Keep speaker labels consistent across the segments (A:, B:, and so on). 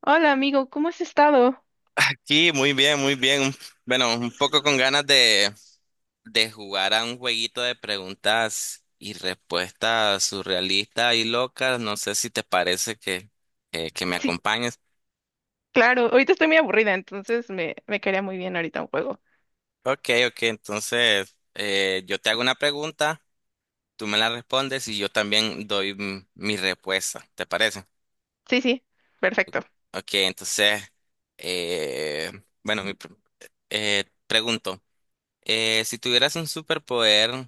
A: Hola amigo, ¿cómo has estado?
B: Sí, muy bien, muy bien. Bueno, un poco con ganas de jugar a un jueguito de preguntas y respuestas surrealistas y locas. No sé si te parece que me
A: Sí,
B: acompañes.
A: claro, ahorita estoy muy aburrida, entonces me caería muy bien ahorita un juego.
B: Ok, ok, entonces yo te hago una pregunta, tú me la respondes y yo también doy mi respuesta. ¿Te parece?
A: Sí, sí, perfecto.
B: Ok, entonces, eh, bueno, pregunto, si tuvieras un superpoder,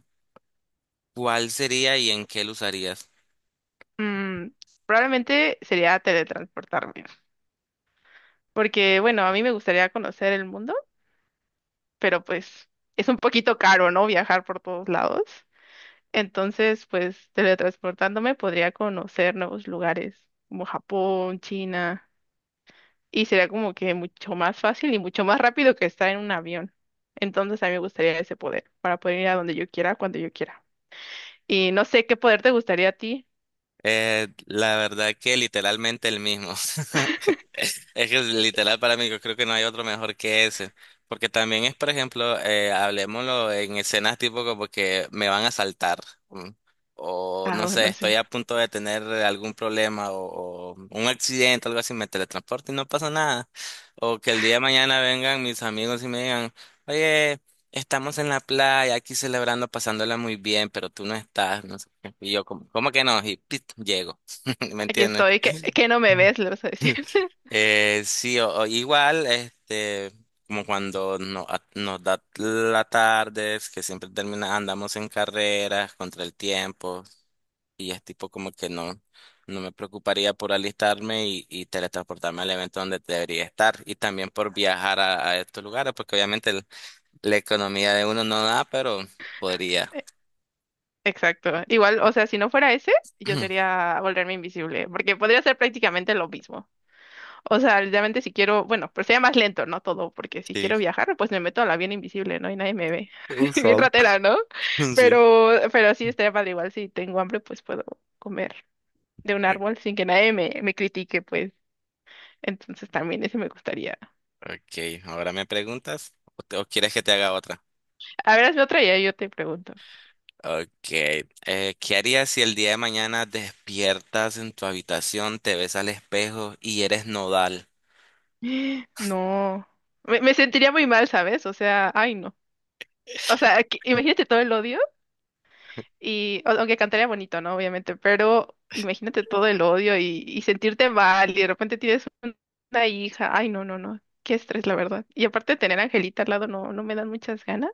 B: ¿cuál sería y en qué lo usarías?
A: Mm, Probablemente sería teletransportarme, porque bueno, a mí me gustaría conocer el mundo, pero pues es un poquito caro, ¿no? Viajar por todos lados. Entonces, pues teletransportándome podría conocer nuevos lugares como Japón, China. Y será como que mucho más fácil y mucho más rápido que estar en un avión. Entonces a mí me gustaría ese poder para poder ir a donde yo quiera, cuando yo quiera. Y no sé qué poder te gustaría a ti.
B: La verdad que literalmente el mismo. Es que literal para mí, yo creo que no hay otro mejor que ese. Porque también es, por ejemplo, hablemoslo en escenas tipo como que me van a saltar. O no
A: Ah,
B: sé,
A: bueno,
B: estoy
A: sí.
B: a punto de tener algún problema o un accidente, algo así, me teletransporto y no pasa nada. O que el día de mañana vengan mis amigos y me digan, oye, estamos en la playa aquí celebrando, pasándola muy bien, pero tú no estás. ¿No? Y yo, como, ¿cómo que no? Y pit, llego. ¿Me
A: Aquí
B: entiendes?
A: estoy, que no me ves, le vas a decir.
B: Sí, o igual, este, como cuando no, nos da la tarde, es que siempre termina, andamos en carreras contra el tiempo, y es tipo como que no, no me preocuparía por alistarme y teletransportarme al evento donde debería estar, y también por viajar a estos lugares, porque obviamente la economía de uno no da, pero podría.
A: Exacto. Igual, o sea, si no fuera ese, yo sería volverme invisible, porque podría ser prácticamente lo mismo. O sea, literalmente si quiero, bueno, pero sería más lento, ¿no? Todo, porque si
B: Sí.
A: quiero viajar, pues me meto al avión invisible, ¿no? Y nadie me ve. Bien
B: Exacto.
A: ratera, ¿no?
B: Sí.
A: Pero sí estaría padre. Igual si tengo hambre, pues puedo comer de un árbol sin que nadie me critique, pues. Entonces también eso me gustaría.
B: Ok, ahora me preguntas, o quieres que te haga otra.
A: A ver, hazme otra y ahí yo te pregunto.
B: Ok, ¿qué harías si el día de mañana despiertas en tu habitación, te ves al espejo y eres nodal?
A: No. Me sentiría muy mal, ¿sabes? O sea, ay, no. O sea, imagínate todo el odio. Aunque cantaría bonito, ¿no? Obviamente, pero imagínate todo el odio y sentirte mal y de repente una hija. Ay, no, no, no. Qué estrés, la verdad. Y aparte de tener a Angelita al lado, no me dan muchas ganas.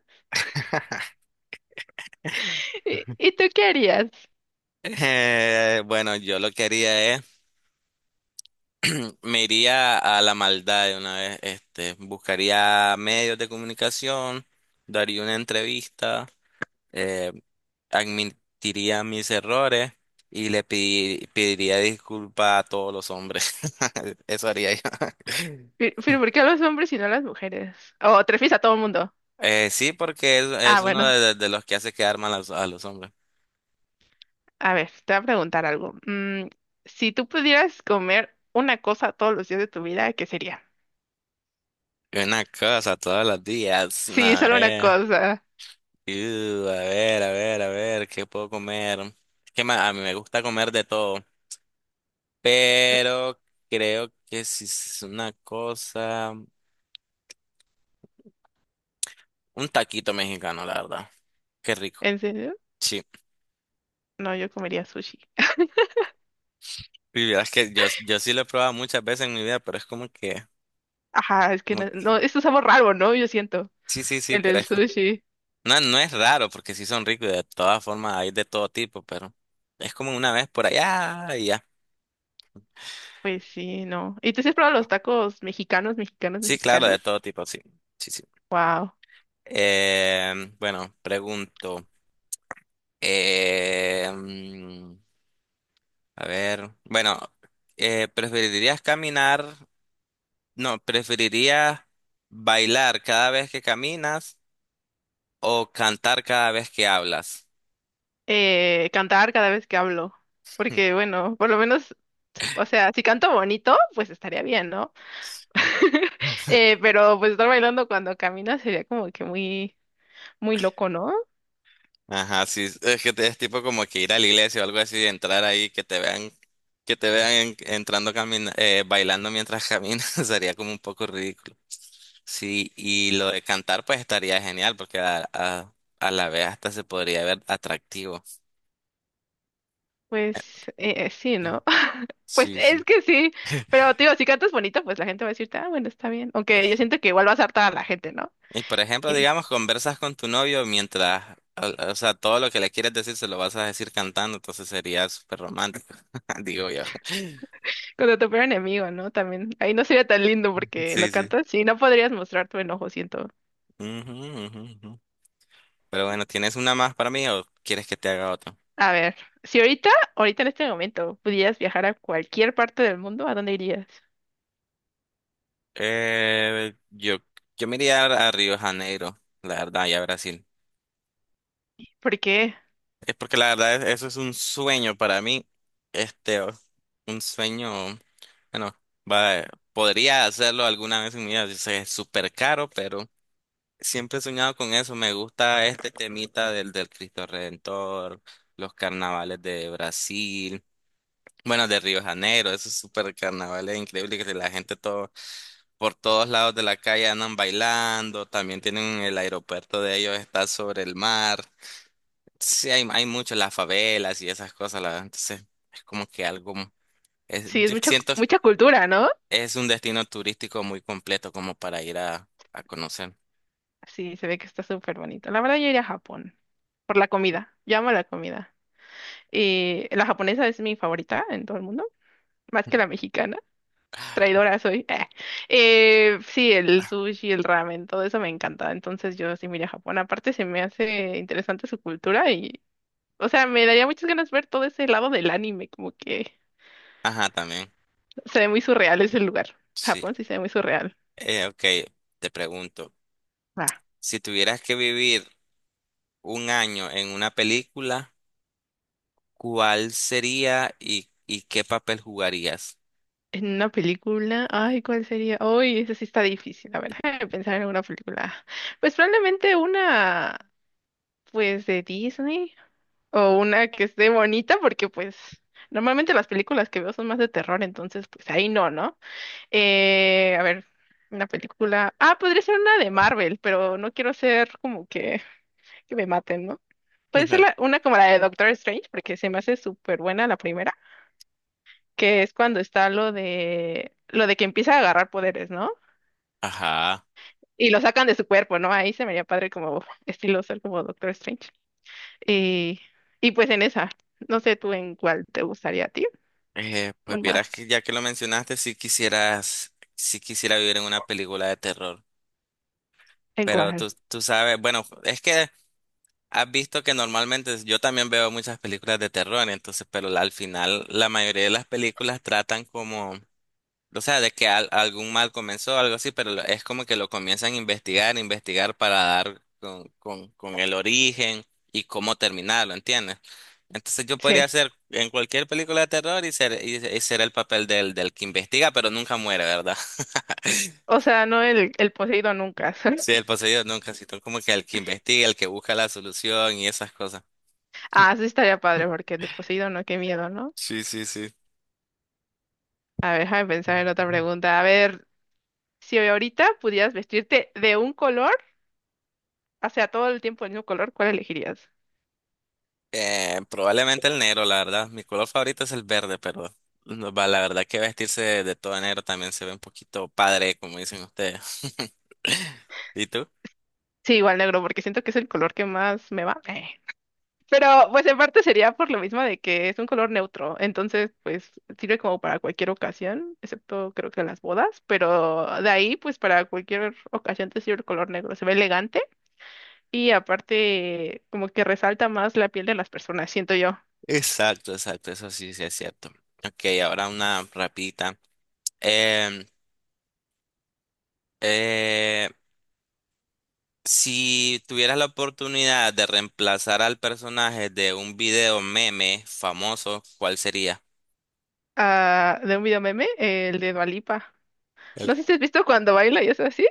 A: ¿Y tú qué harías?
B: Bueno, yo lo que haría es, me iría a la maldad de una vez, este, buscaría medios de comunicación, daría una entrevista, eh, admitiría mis errores y pediría disculpas a todos los hombres. Eso haría yo.
A: Pero ¿por qué a los hombres y no a las mujeres? O te refieres a todo el mundo.
B: Sí, porque
A: Ah,
B: es uno
A: bueno.
B: de los que hace quedar mal a a los hombres.
A: A ver, te voy a preguntar algo. Si tú pudieras comer una cosa todos los días de tu vida, ¿qué sería?
B: Y una cosa todos los días. No,
A: Sí, solo una
B: eh.
A: cosa.
B: A ver, a ver, a ver, ¿qué puedo comer? Es que a mí me gusta comer de todo, pero creo que si es una cosa, un taquito mexicano, la verdad. Qué rico.
A: ¿En serio?
B: Sí.
A: No, yo comería sushi.
B: Y verás que yo sí lo he probado muchas veces en mi vida, pero es como que,
A: Ajá, es que
B: como
A: no,
B: que-
A: no, esto es un sabor raro, ¿no? Yo siento.
B: sí, sí,
A: El
B: pero
A: del
B: es
A: sushi.
B: No, no es raro porque sí son ricos y de todas formas hay de todo tipo, pero es como una vez por allá y ya.
A: Pues sí, no. ¿Y tú sí has probado los tacos mexicanos, mexicanos,
B: Sí, claro,
A: mexicanos?
B: de todo tipo, sí. Sí, sí.
A: Wow.
B: Bueno, pregunto. eh, mm, a ver, bueno, ¿preferirías caminar? No, ¿preferirías bailar cada vez que caminas o cantar cada vez que hablas?
A: Cantar cada vez que hablo. Porque, bueno, por lo menos, o sea, si canto bonito, pues estaría bien, ¿no?
B: Sí.
A: Pero pues estar bailando cuando caminas sería como que muy, muy loco, ¿no?
B: Ajá, sí, es que es tipo como que ir a la iglesia o algo así, entrar ahí, que te vean, entrando camina, bailando mientras caminas, sería como un poco ridículo. Sí, y lo de cantar pues estaría genial porque a la vez hasta se podría ver atractivo. Eh,
A: Pues sí, ¿no? Pues
B: Sí,
A: es
B: sí.
A: que sí, pero te digo, si cantas bonito, pues la gente va a decirte, ah, bueno, está bien. Aunque yo siento que igual vas a hartar a la gente, ¿no?
B: Y por ejemplo, digamos, conversas con tu novio mientras, o sea, todo lo que le quieres decir se lo vas a decir cantando, entonces sería súper romántico, digo yo.
A: Cuando tu peor enemigo, ¿no? También. Ahí no sería tan lindo porque lo
B: Sí, sí.
A: cantas. Sí, no podrías mostrar tu enojo, siento.
B: Ujú, ujú, ujú. Pero bueno, ¿tienes una más para mí o quieres que te haga otra?
A: A ver, si ahorita, ahorita en este momento, pudieras viajar a cualquier parte del mundo, ¿a dónde irías?
B: Eh, yo, yo me iría a Río de Janeiro, la verdad, y a Brasil.
A: ¿Por qué?
B: Es porque la verdad eso es un sueño para mí. Este, un sueño, bueno, va- podría hacerlo alguna vez en mi vida. Yo sé, es súper caro, pero siempre he soñado con eso. Me gusta este temita del Cristo Redentor, los carnavales de Brasil. Bueno, de Río de Janeiro, esos super carnavales increíbles que la gente todo por todos lados de la calle andan bailando, también tienen el aeropuerto de ellos, está sobre el mar. Sí, hay mucho las favelas y esas cosas, la verdad. Entonces, es como que algo, es,
A: Sí, es
B: yo
A: mucha,
B: siento,
A: mucha cultura, ¿no?
B: es un destino turístico muy completo como para ir a conocer.
A: Sí, se ve que está súper bonito. La verdad, yo iría a Japón. Por la comida. Yo amo la comida. Y la japonesa es mi favorita en todo el mundo, más que la mexicana. Traidora soy. Sí, el sushi, el ramen, todo eso me encanta. Entonces yo sí miré a Japón. Aparte se me hace interesante su cultura y, o sea, me daría muchas ganas ver todo ese lado del anime, como que
B: Ajá, también.
A: se ve muy surreal ese lugar.
B: Sí.
A: Japón sí se ve muy surreal.
B: Ok, te pregunto,
A: Ah,
B: si tuvieras que vivir un año en una película, ¿cuál sería y qué papel jugarías?
A: en una película, ay, ¿cuál sería? Uy, esa sí está difícil, a ver, déjame pensar en una película. Pues probablemente una, pues de Disney. O una que esté bonita, porque pues normalmente las películas que veo son más de terror, entonces pues ahí no, ¿no? A ver, una película. Ah, podría ser una de Marvel, pero no quiero ser como que me maten, ¿no? Puede ser una como la de Doctor Strange, porque se me hace súper buena la primera, que es cuando está lo de que empieza a agarrar poderes, ¿no?
B: Ajá.
A: Y lo sacan de su cuerpo, ¿no? Ahí se me haría padre como estilo ser como Doctor Strange. Y, y pues en esa, no sé tú en cuál te gustaría a ti.
B: Pues
A: Una
B: vieras que ya que lo mencionaste, si quisieras, si quisiera vivir en una película de terror. Pero
A: igual,
B: tú sabes, bueno, es que has visto que normalmente yo también veo muchas películas de terror, entonces, pero al final la mayoría de las películas tratan como o sea, de que algún mal comenzó, algo así, pero es como que lo comienzan a investigar, investigar para dar con, con el origen y cómo terminarlo, ¿entiendes? Entonces yo
A: sí.
B: podría ser en cualquier película de terror y ser, y ser el papel del, del que investiga, pero nunca muere, ¿verdad?
A: O sea, no el Poseidón nunca.
B: Sí, el poseído nunca, sino como que el que investiga, el que busca la solución y esas cosas.
A: Ah, sí estaría padre porque el Poseidón no, qué miedo, ¿no?
B: Sí, sí, sí.
A: A ver, déjame pensar en otra pregunta. A ver, si ahorita pudieras vestirte de un color, o sea, todo el tiempo del mismo color, ¿cuál elegirías?
B: Probablemente el negro, la verdad. Mi color favorito es el verde, pero no va, la verdad que vestirse de todo de negro también se ve un poquito padre, como dicen ustedes. ¿Y tú?
A: Sí, igual negro, porque siento que es el color que más me va. Pero pues en parte sería por lo mismo de que es un color neutro, entonces pues sirve como para cualquier ocasión, excepto creo que las bodas, pero de ahí pues para cualquier ocasión te sirve el color negro, se ve elegante. Y aparte, como que resalta más la piel de las personas, siento yo.
B: Exacto, exacto, eso sí, sí es cierto. Ok, ahora una rapidita. Em, eh, si tuvieras la oportunidad de reemplazar al personaje de un video meme famoso, ¿cuál sería?
A: Ah, de un video meme, el de Dua Lipa.
B: El-
A: No sé si has visto cuando baila y es así.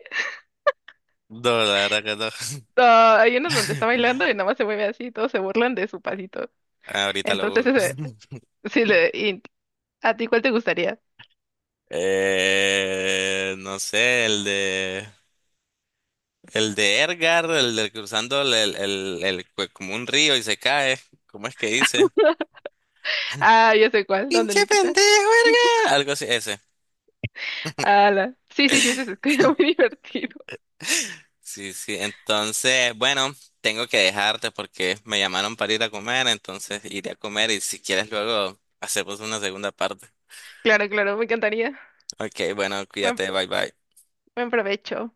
B: No, la verdad que no.
A: Ah, hay uno donde está bailando y nada más se mueve así y todos se burlan de su pasito.
B: Ahorita
A: Entonces,
B: lo busco.
A: sí, le, y- ¿a ti cuál te gustaría?
B: No sé, el de Ergar, el del cruzando pues, como un río y se cae. ¿Cómo es que dice?
A: Ah, yo sé cuál, ¿dónde
B: ¡Pinche
A: le quita?
B: pendejo, Ergar! Algo así, ese.
A: Ah, sí, sí, sí, ese es muy divertido.
B: Sí, sí. Entonces, bueno, tengo que dejarte porque me llamaron para ir a comer, entonces iré a comer y si quieres luego hacemos una segunda parte.
A: Claro, claro, me encantaría.
B: Ok, bueno,
A: Buen,
B: cuídate, bye bye.
A: buen provecho.